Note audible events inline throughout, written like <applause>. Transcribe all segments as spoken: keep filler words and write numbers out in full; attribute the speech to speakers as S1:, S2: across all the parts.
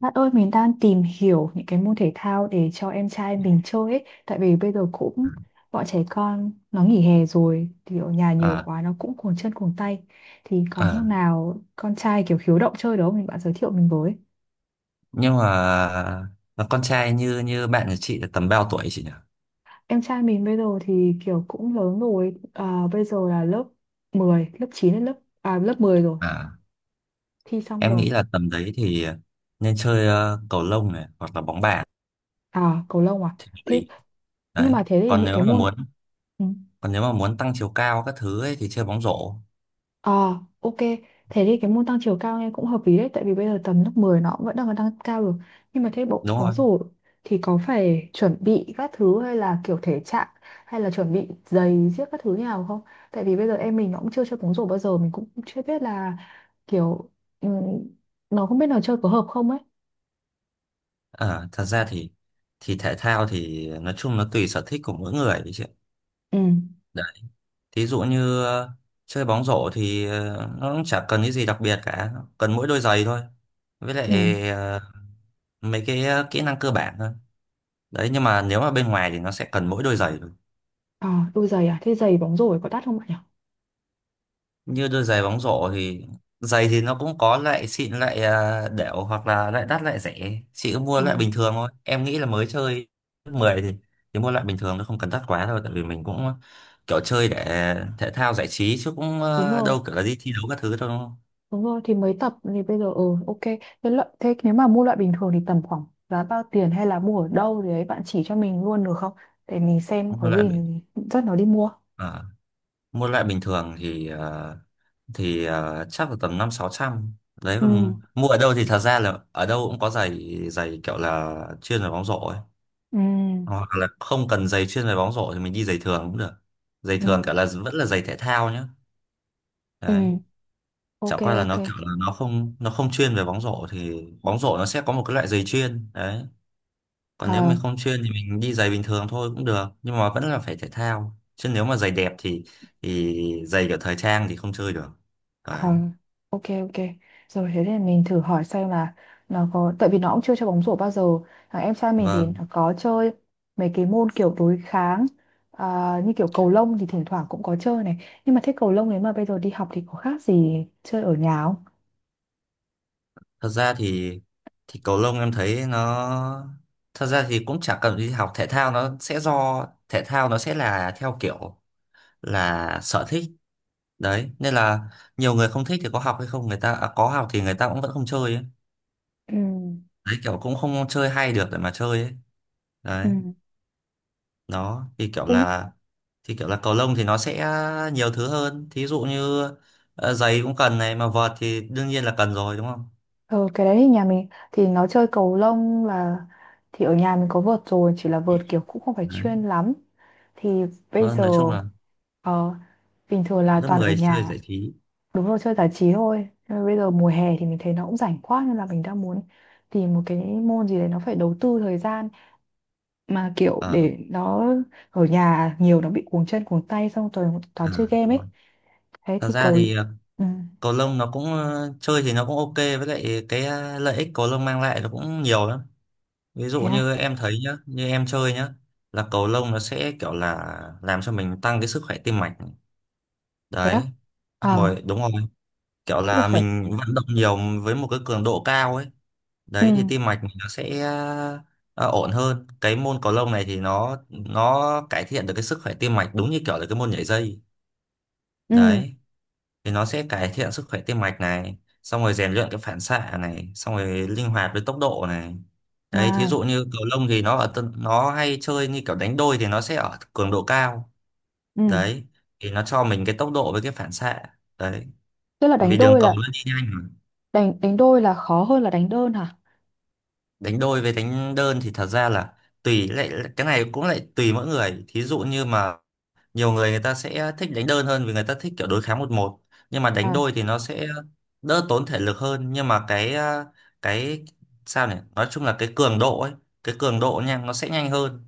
S1: Bạn ơi, mình đang tìm hiểu những cái môn thể thao để cho em trai mình chơi ấy. Tại vì bây giờ cũng bọn trẻ con nó nghỉ hè rồi thì ở nhà nhiều
S2: à,
S1: quá nó cũng cuồng chân cuồng tay. Thì có môn
S2: à.
S1: nào con trai kiểu khiếu động chơi đó mình bạn giới thiệu mình với.
S2: nhưng mà mà con trai như như bạn của chị là tầm bao tuổi chị nhỉ?
S1: Em trai mình bây giờ thì kiểu cũng lớn rồi, à, bây giờ là lớp mười lớp chín đến lớp à, lớp mười rồi,
S2: à
S1: thi xong
S2: em
S1: rồi.
S2: nghĩ là tầm đấy thì nên chơi ờ, cầu lông này hoặc là bóng bàn
S1: À, cầu lông à?
S2: thì hợp
S1: Thế
S2: lý.
S1: nhưng
S2: Đấy,
S1: mà thế thì
S2: còn
S1: những
S2: nếu
S1: cái
S2: mà
S1: môn
S2: muốn
S1: ừ.
S2: còn nếu mà muốn tăng chiều cao các thứ ấy, thì chơi bóng rổ.
S1: Ờ, ok. Thế thì cái môn tăng chiều cao nghe cũng hợp lý đấy. Tại vì bây giờ tầm lớp mười nó cũng vẫn đang còn tăng cao được. Nhưng mà thế bộ
S2: Đúng
S1: bóng
S2: rồi.
S1: rổ thì có phải chuẩn bị các thứ hay là kiểu thể trạng hay là chuẩn bị giày giết các thứ như nào không? Tại vì bây giờ em mình nó cũng chưa chơi bóng rổ bao giờ. Mình cũng chưa biết là kiểu ừ, nó không biết là chơi có hợp không ấy.
S2: À, thật ra thì thì thể thao thì nói chung nó tùy sở thích của mỗi người ấy chị ạ.
S1: Ừ,
S2: Đấy, thí dụ như ờ, chơi bóng rổ thì ờ, nó cũng chả cần cái gì đặc biệt cả, cần mỗi đôi giày thôi, với lại
S1: ừ.
S2: ờ, mấy cái ờ, kỹ năng cơ bản thôi. Đấy, nhưng mà nếu mà bên ngoài thì nó sẽ cần mỗi đôi giày thôi,
S1: Ờ, đôi giày à? Thế giày bóng rổ có đắt không bạn nhỉ?
S2: như đôi giày bóng rổ thì giày thì nó cũng có loại xịn loại ờ, đểu, hoặc là loại đắt loại rẻ. Chị cứ mua
S1: Ờ,
S2: loại bình thường thôi, em nghĩ là mới chơi lớp mười thì thì mua loại bình thường, nó không cần đắt quá đâu, tại vì mình cũng ờ, kiểu chơi để thể thao giải trí chứ cũng
S1: đúng
S2: ờ,
S1: rồi.
S2: đâu kiểu là đi thi đấu các thứ đâu, đúng không?
S1: Đúng rồi, thì mấy tập thì bây giờ ừ, ok. Thế, lợi, thế nếu mà mua loại bình thường thì tầm khoảng giá bao tiền hay là mua ở đâu thì ấy bạn chỉ cho mình luôn được không? Để mình xem
S2: mua
S1: có
S2: loại
S1: gì
S2: bình-
S1: dắt nó đi mua.
S2: ờ, Mua loại bình thường thì ờ, thì ờ, chắc là tầm năm sáu trăm. Đấy,
S1: Ừ,
S2: còn mua ở đâu thì thật ra là ở đâu cũng có giày, giày kiểu là chuyên về bóng rổ ấy,
S1: ừ,
S2: hoặc là không cần giày chuyên về bóng rổ thì mình đi giày thường cũng được. Giày
S1: ừ.
S2: thường kiểu là vẫn là giày thể thao nhá.
S1: Ừ,
S2: Đấy, chẳng
S1: ok,
S2: qua là
S1: ok.
S2: nó kiểu là nó không nó không chuyên về bóng rổ, thì bóng rổ nó sẽ có một cái loại giày chuyên đấy. Còn nếu
S1: Ờ,
S2: mình không chuyên thì mình đi giày bình thường thôi cũng được, nhưng mà vẫn là phải thể thao, chứ nếu mà giày đẹp thì thì giày kiểu thời trang thì không chơi được.
S1: ờ,
S2: Đấy.
S1: ok, ok, rồi thế thì mình thử hỏi xem là nó có tại vì nó cũng chưa chơi bóng rổ bao giờ, thằng em trai mình thì
S2: Vâng.
S1: nó có chơi mấy cái môn kiểu đối kháng, à, như kiểu cầu lông thì thỉnh thoảng cũng có chơi này, nhưng mà thế cầu lông nếu mà bây giờ đi học thì có khác gì chơi ở nhà không?
S2: Thật ra thì thì cầu lông em thấy nó, thật ra thì cũng chả cần đi học. Thể thao nó sẽ do thể thao nó sẽ là theo kiểu là sở thích. Đấy nên là nhiều người không thích thì có học hay không, người ta à, có học thì người ta cũng vẫn không chơi ấy.
S1: Ừ,
S2: Đấy, kiểu cũng không chơi hay được để mà chơi ấy. Đấy,
S1: ừ.
S2: nó thì kiểu
S1: Thế,
S2: là thì kiểu là cầu lông thì nó sẽ nhiều thứ hơn, thí dụ như ờ, giày cũng cần này, mà vợt thì đương nhiên là cần rồi đúng không.
S1: ờ, cái đấy thì nhà mình thì nó chơi cầu lông là thì ở nhà mình có vợt rồi chỉ là vợt kiểu cũng không phải
S2: Đấy.
S1: chuyên lắm thì bây
S2: Vâng,
S1: giờ
S2: nói chung là
S1: ờ, bình thường là
S2: lớp
S1: toàn ở
S2: mười chơi giải
S1: nhà.
S2: trí.
S1: Đúng rồi, chơi giải trí thôi. Nhưng mà bây giờ mùa hè thì mình thấy nó cũng rảnh quá nên là mình đang muốn tìm một cái môn gì đấy nó phải đầu tư thời gian mà kiểu
S2: Ờ.
S1: để nó ở nhà nhiều nó bị cuồng chân cuồng tay xong toàn toàn
S2: À,
S1: chơi game
S2: đúng
S1: ấy.
S2: rồi.
S1: Thế
S2: Thật
S1: thì
S2: ra
S1: cầu
S2: thì ờ,
S1: ừ.
S2: cầu lông nó cũng ờ, chơi thì nó cũng ok, với lại cái ờ, lợi ích cầu lông mang lại nó cũng nhiều lắm. Ví dụ
S1: Thế à?
S2: như em thấy nhá, như em chơi nhá, là cầu lông nó sẽ kiểu là làm cho mình tăng cái sức khỏe tim mạch.
S1: Thế
S2: Đấy,
S1: à?
S2: đúng
S1: À,
S2: rồi, đúng rồi. Kiểu
S1: tức là
S2: là
S1: phải
S2: mình vận động nhiều với một cái cường độ cao ấy.
S1: ừ,
S2: Đấy thì tim mạch mình nó sẽ ờ, ổn hơn. Cái môn cầu lông này thì nó nó cải thiện được cái sức khỏe tim mạch, đúng như kiểu là cái môn nhảy dây.
S1: ừ,
S2: Đấy. Thì nó sẽ cải thiện sức khỏe tim mạch này, xong rồi rèn luyện cái phản xạ này, xong rồi linh hoạt với tốc độ này. Đấy, thí
S1: à,
S2: dụ như cầu lông thì nó ở tân- nó hay chơi như kiểu đánh đôi thì nó sẽ ở cường độ cao.
S1: ừ,
S2: Đấy thì nó cho mình cái tốc độ với cái phản xạ. Đấy,
S1: tức là đánh
S2: vì đường
S1: đôi
S2: cầu
S1: là
S2: nó đi nhanh mà.
S1: đánh đánh đôi là khó hơn là đánh đơn hả?
S2: Đánh đôi với đánh đơn thì thật ra là tùy, lại cái này cũng lại tùy mỗi người. Thí dụ như mà nhiều người người ta sẽ thích đánh đơn hơn, vì người ta thích kiểu đối kháng một một. Nhưng mà đánh
S1: À,
S2: đôi thì nó sẽ đỡ tốn thể lực hơn, nhưng mà cái à, cái sao nhỉ, nói chung là cái cường độ ấy, cái cường độ nha nó sẽ nhanh hơn.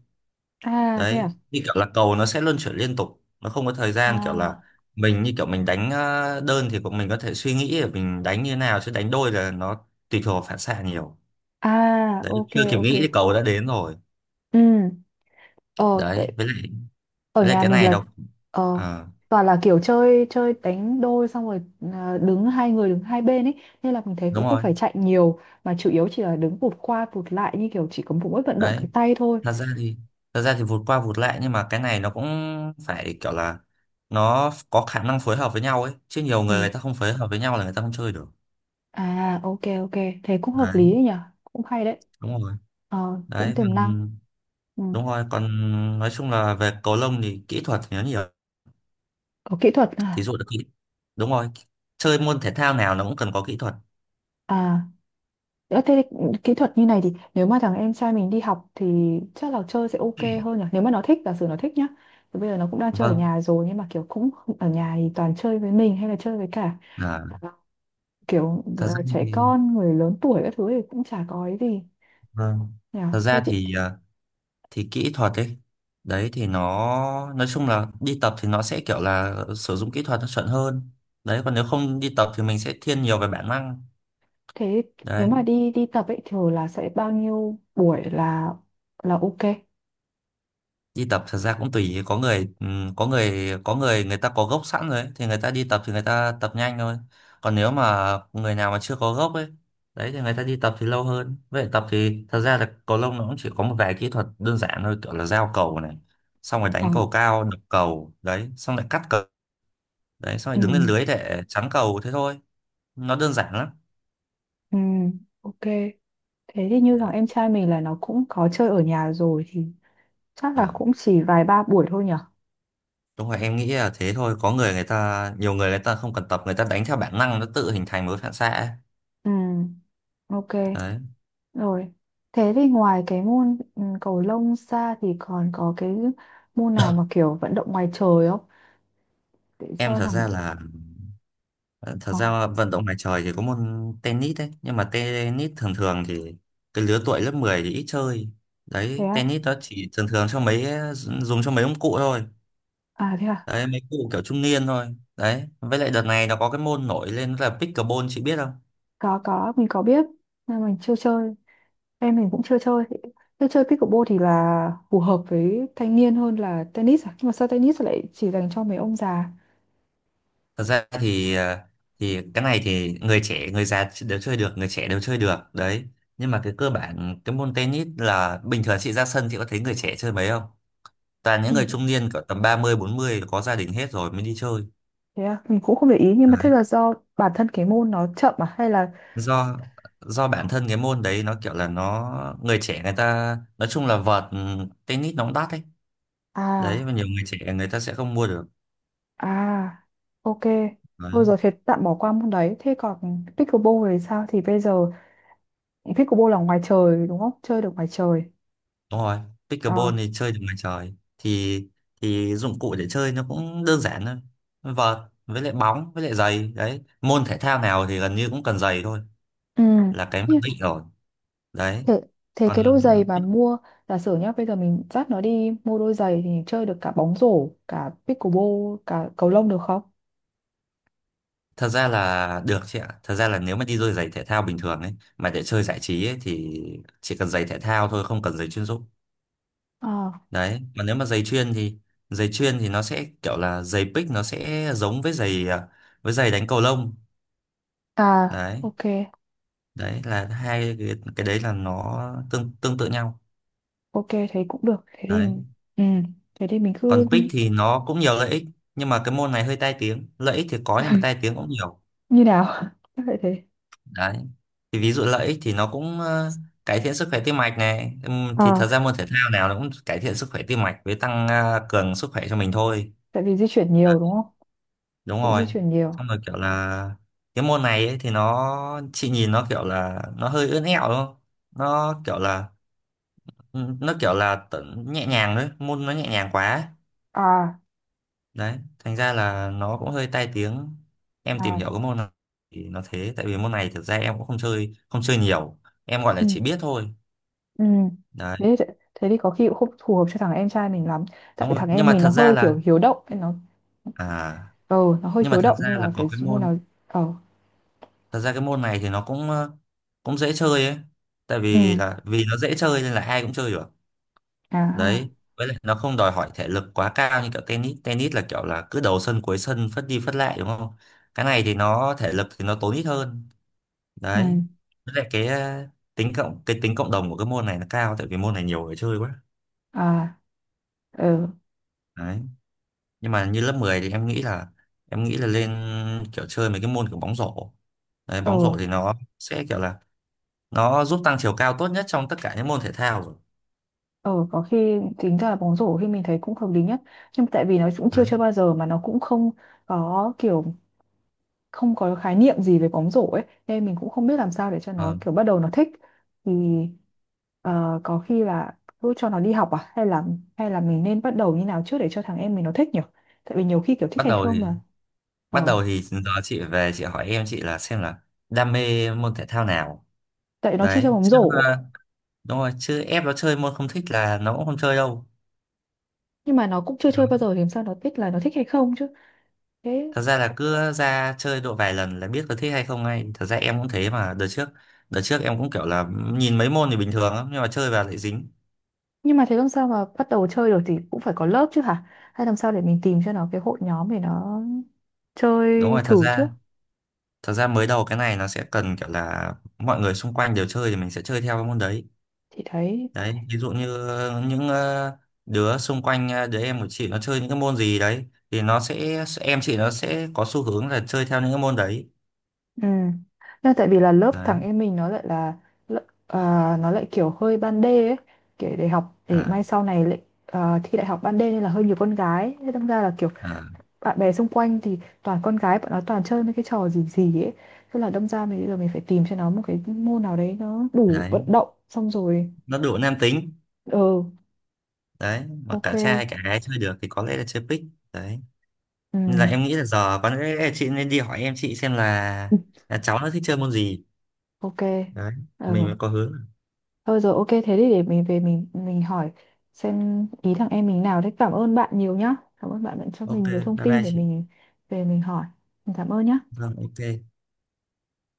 S1: à, thế
S2: Đấy
S1: à,
S2: như kiểu là cầu nó sẽ luân chuyển liên tục, nó không có thời gian kiểu là
S1: à,
S2: mình như kiểu mình đánh à, đơn thì cũng mình có thể suy nghĩ để mình đánh như thế nào, chứ đánh đôi là nó tùy thuộc vào phản xạ nhiều.
S1: à,
S2: Đấy,
S1: ok,
S2: chưa kịp
S1: ok,
S2: nghĩ thì cầu đã đến rồi.
S1: ừ, ờ, tại
S2: Đấy, với lại
S1: ở
S2: với lại
S1: nhà
S2: cái
S1: mình
S2: này
S1: là,
S2: nó
S1: ờ,
S2: Ờ,
S1: toàn là kiểu chơi chơi đánh đôi xong rồi, à, đứng hai người đứng hai bên ấy nên là mình thấy
S2: đúng
S1: cũng không
S2: rồi.
S1: phải chạy nhiều mà chủ yếu chỉ là đứng vụt qua vụt lại như kiểu chỉ có mỗi vận động
S2: Đấy,
S1: cái tay thôi.
S2: thật ra thì thật ra thì vụt qua vụt lại, nhưng mà cái này nó cũng phải kiểu là nó có khả năng phối hợp với nhau ấy, chứ nhiều người
S1: Ừ,
S2: người ta không phối hợp với nhau là người ta không chơi được.
S1: à, ok, ok, thế cũng hợp
S2: Đấy,
S1: lý đấy nhỉ, cũng hay đấy.
S2: đúng rồi.
S1: Ờ, cũng
S2: đấy
S1: tiềm năng.
S2: còn-
S1: Ừ.
S2: Đúng rồi, còn nói chung là về cầu lông thì kỹ thuật thì nó nhiều,
S1: Có kỹ thuật
S2: thí
S1: à?
S2: dụ là kỹ. Đúng rồi, chơi môn thể thao nào nó cũng cần có kỹ thuật.
S1: À, ờ, thế thì kỹ thuật như này thì nếu mà thằng em trai mình đi học thì chắc là chơi sẽ ok hơn nhỉ? Nếu mà nó thích, giả sử nó thích nhá. Thì bây giờ nó cũng đang chơi ở
S2: Vâng.
S1: nhà rồi nhưng mà kiểu cũng ở nhà thì toàn chơi với mình hay là chơi với cả
S2: à,
S1: ờ, kiểu
S2: thật
S1: ờ,
S2: ra
S1: trẻ
S2: thì
S1: con, người lớn tuổi các thứ thì cũng chả có ấy gì
S2: Vâng,
S1: nhỉ?
S2: thật
S1: Thế
S2: ra
S1: thì
S2: thì à, thì kỹ thuật ấy, đấy thì nó nói chung là đi tập thì nó sẽ kiểu là sử dụng kỹ thuật nó chuẩn hơn. Đấy, còn nếu không đi tập thì mình sẽ thiên nhiều về bản năng.
S1: thế nếu
S2: Đấy.
S1: mà đi đi tập ấy thường là sẽ bao nhiêu buổi là là ok?
S2: Đi tập thật ra cũng tùy, có người ừm, có người có người người ta có gốc sẵn rồi ấy, thì người ta đi tập thì người ta tập nhanh thôi. Còn nếu mà người nào mà chưa có gốc ấy, đấy thì người ta đi tập thì lâu hơn. Vậy tập thì thật ra là cầu lông nó cũng chỉ có một vài kỹ thuật đơn giản thôi, kiểu là giao cầu này, xong rồi
S1: Ờ.
S2: đánh cầu cao, đập cầu đấy, xong lại cắt cầu. Đấy, xong rồi
S1: Ừ.
S2: đứng lên lưới để chắn cầu thế thôi. Nó đơn giản lắm.
S1: Ừ. Ok. Thế thì như thằng em trai mình là nó cũng có chơi ở nhà rồi thì chắc
S2: Ờ,
S1: là cũng chỉ vài ba buổi thôi nhở?
S2: đúng rồi, em nghĩ là thế thôi. Có người người ta, nhiều người người ta không cần tập, người ta đánh theo bản năng, nó tự hình thành một cái phản xạ ấy.
S1: Ừ, ok,
S2: Đấy.
S1: rồi. Thế thì ngoài cái môn ừ, cầu lông ra thì còn có cái môn nào mà kiểu vận động ngoài trời không? Để
S2: Em
S1: chơi
S2: thật
S1: thằng...
S2: ra là ờ, thật
S1: Ờ,
S2: ra vận động ngoài trời thì có môn tennis đấy, nhưng mà tennis thường thường thì cái lứa tuổi lớp mười thì ít chơi.
S1: thế
S2: Đấy,
S1: à?
S2: tennis nó chỉ thường thường cho mấy dùng cho mấy ông cụ thôi.
S1: À, thế à?
S2: Đấy, mấy cụ kiểu trung niên thôi. Đấy, với lại đợt này nó có cái môn nổi lên là pickleball, chị biết không?
S1: Có, có, mình có biết. Nhưng mình chưa chơi. Em mình cũng chưa chơi. Thế chơi pickleball thì là phù hợp với thanh niên hơn là tennis à? Nhưng mà sao tennis lại chỉ dành cho mấy ông già?
S2: Thật ra thì ờ, thì cái này thì người trẻ người già đều chơi được, người trẻ đều chơi được. Đấy, nhưng mà cái cơ bản cái môn tennis là bình thường chị ra sân chị có thấy người trẻ chơi mấy không, toàn những
S1: Mình,
S2: người trung niên cỡ tầm ba mươi bốn mươi có gia đình hết rồi mới đi chơi.
S1: thế à? Mình cũng không để ý. Nhưng mà thế
S2: Đấy.
S1: là do bản thân cái môn nó chậm à? Hay là...
S2: Do do bản thân cái môn đấy nó kiểu là nó, người trẻ người ta nói chung là vợt ừ, tennis nó cũng đắt ấy. Đấy,
S1: À,
S2: và nhiều người trẻ người ta sẽ không mua được.
S1: à, ok.
S2: Đấy.
S1: Thôi rồi thế tạm bỏ qua môn đấy. Thế còn pickleball thì sao? Thì bây giờ pickleball là ngoài trời đúng không? Chơi được ngoài trời.
S2: Đúng rồi,
S1: Ờ.
S2: pickleball thì chơi được ngoài trời, thì thì dụng cụ để chơi nó cũng đơn giản thôi. Vợt với lại bóng với lại giày đấy. Môn thể thao nào thì gần như cũng cần giày thôi,
S1: Ừ.
S2: là cái mặc
S1: Nhưng
S2: định rồi. Đấy.
S1: thế, thế
S2: Còn
S1: cái đôi giày mà mua giả sử nhá, bây giờ mình dắt nó đi mua đôi giày thì chơi được cả bóng rổ, cả pickleball, cả cầu lông được không?
S2: thật ra là được chị ạ. Thật ra là nếu mà đi đôi giày thể thao bình thường ấy mà để chơi giải trí ấy thì chỉ cần giày thể thao thôi, không cần giày chuyên dụng.
S1: Ờ.
S2: Đấy, mà nếu mà giày chuyên thì giày chuyên thì nó sẽ kiểu là giày pick nó sẽ giống với giày à, với giày đánh cầu lông.
S1: À,
S2: Đấy,
S1: ok.
S2: đấy là hai cái, cái đấy là nó tương tương tự nhau.
S1: Ok, thế cũng được. Thế thì
S2: Đấy
S1: ừ, thế thì mình
S2: còn
S1: cứ
S2: pick thì nó cũng nhiều lợi ích, nhưng mà cái môn này hơi tai tiếng. Lợi ích thì có nhưng mà tai tiếng cũng nhiều.
S1: như nào? <laughs> Chắc vậy thế.
S2: Đấy, thì ví dụ lợi ích thì nó cũng ờ, cải thiện sức khỏe tim mạch này. Ừm, thì thật
S1: À,
S2: ra môn thể thao nào nó cũng cải thiện sức khỏe tim mạch với tăng ờ, cường sức khỏe cho mình thôi.
S1: tại vì di chuyển nhiều đúng không?
S2: Đúng
S1: Cũng
S2: rồi,
S1: di chuyển nhiều.
S2: xong rồi kiểu là cái môn này ấy, thì nó chị nhìn nó kiểu là nó hơi ướn ẹo đúng không, nó kiểu là nó kiểu là tự- nhẹ nhàng. Đấy môn nó nhẹ nhàng quá ấy.
S1: À,
S2: Đấy thành ra là nó cũng hơi tai tiếng. Em tìm
S1: à,
S2: hiểu cái môn này thì nó thế, tại vì môn này thực ra em cũng không chơi không chơi nhiều, em gọi
S1: ừ,
S2: là chỉ biết thôi.
S1: ừ.
S2: Đấy,
S1: Thế, thì- thế thì có khi cũng không phù hợp cho thằng em trai mình lắm. Tại
S2: đúng rồi.
S1: thằng
S2: nhưng
S1: em
S2: mà
S1: mình nó
S2: thật ra
S1: hơi
S2: là
S1: kiểu hiếu động nên nó
S2: à
S1: ờ nó hơi
S2: nhưng mà
S1: hiếu
S2: thật
S1: động
S2: ra
S1: nên
S2: là
S1: là phải
S2: có cái
S1: mua nào,
S2: môn,
S1: ờ,
S2: thật ra cái môn này thì nó cũng ờ, cũng dễ chơi ấy, tại
S1: ừ,
S2: vì là vì nó dễ chơi nên là ai cũng chơi được.
S1: à ha,
S2: Đấy, với lại nó không đòi hỏi thể lực quá cao như kiểu tennis. Tennis là kiểu là cứ đầu sân cuối sân phất đi phất lại đúng không. Cái này thì nó thể lực thì nó tốn ít hơn. Đấy,
S1: ừ,
S2: với lại cái ờ, tính cộng cái tính cộng đồng của cái môn này nó cao, tại vì môn này nhiều người chơi quá.
S1: à, ờ,
S2: Đấy, nhưng mà như lớp mười thì em nghĩ là em nghĩ là lên kiểu chơi mấy cái môn kiểu bóng rổ. Đấy
S1: ờ,
S2: bóng rổ thì nó sẽ kiểu là nó giúp tăng chiều cao tốt nhất trong tất cả những môn thể thao rồi.
S1: ờ, có khi tính ra là bóng rổ khi mình thấy cũng hợp lý nhất nhưng mà tại vì nó cũng chưa
S2: Đấy.
S1: chơi bao giờ mà nó cũng không có kiểu không có khái niệm gì về bóng rổ ấy nên mình cũng không biết làm sao để cho nó
S2: Vâng.
S1: kiểu bắt đầu nó thích thì, ờ, có khi là cứ cho nó đi học à hay là hay là mình nên bắt đầu như nào trước để cho thằng em mình nó thích nhỉ, tại vì nhiều khi kiểu thích
S2: Bắt
S1: hay
S2: đầu
S1: không
S2: thì
S1: là
S2: bắt
S1: ờ
S2: đầu thì giờ chị về chị hỏi em chị là xem là đam mê môn thể thao nào.
S1: tại nó chưa chơi
S2: Đấy
S1: bóng
S2: chứ
S1: rổ
S2: ờ, đúng rồi, chứ ép nó chơi môn không thích là nó cũng không chơi đâu.
S1: nhưng mà nó cũng chưa chơi bao giờ thì làm sao nó biết là nó thích hay không chứ thế
S2: Thật ra là cứ ra chơi độ vài lần là biết có thích hay không ngay, thật ra em cũng thế mà. Đợt trước đợt trước em cũng kiểu là nhìn mấy môn thì bình thường lắm, nhưng mà chơi vào lại dính.
S1: nhưng mà thế làm sao mà bắt đầu chơi được thì cũng phải có lớp chứ hả hay làm sao để mình tìm cho nó cái hội nhóm để nó
S2: Đúng
S1: chơi
S2: rồi, thật
S1: thử
S2: ra
S1: trước
S2: thật ra mới đầu cái này nó sẽ cần kiểu là mọi người xung quanh đều chơi, thì mình sẽ chơi theo cái môn đấy.
S1: thì thấy.
S2: Đấy ví dụ như những ờ, đứa xung quanh ờ, đứa em của chị nó chơi những cái môn gì đấy thì nó sẽ em chị nó sẽ có xu hướng là chơi theo những cái môn đấy.
S1: Ừ. Nhưng tại vì là lớp
S2: Đấy.
S1: thằng em mình nó lại là lợ- à, nó lại kiểu hơi ban đê ấy, kiểu để học để
S2: À,
S1: mai sau này lại, à, thi đại học ban đê nên là hơi nhiều con gái, thế đâm ra là kiểu
S2: à.
S1: bạn bè xung quanh thì toàn con gái, bọn nó toàn chơi mấy cái trò gì gì ấy. Thế là đâm ra mình bây giờ mình phải tìm cho nó một cái môn nào đấy nó đủ vận
S2: Đấy
S1: động xong rồi.
S2: nó đủ nam tính.
S1: Ừ,
S2: Đấy mà cả
S1: ok.
S2: trai cả gái chơi được thì có lẽ là chơi pick. Đấy
S1: Ừ,
S2: nên là em nghĩ là giờ có lẽ là chị nên đi hỏi em chị xem là,
S1: <laughs>
S2: là cháu nó thích chơi môn gì.
S1: ok.
S2: Đấy mình
S1: Ừ.
S2: mới có hướng.
S1: Thôi rồi, ok, thế thì để mình về mình mình hỏi xem ý thằng em mình nào đấy. Cảm ơn bạn nhiều nhá. Cảm ơn bạn đã cho
S2: Ok,
S1: mình nhiều thông
S2: bye
S1: tin
S2: bye
S1: để
S2: chị.
S1: mình về mình hỏi. Mình cảm ơn nhá.
S2: Vâng, ok.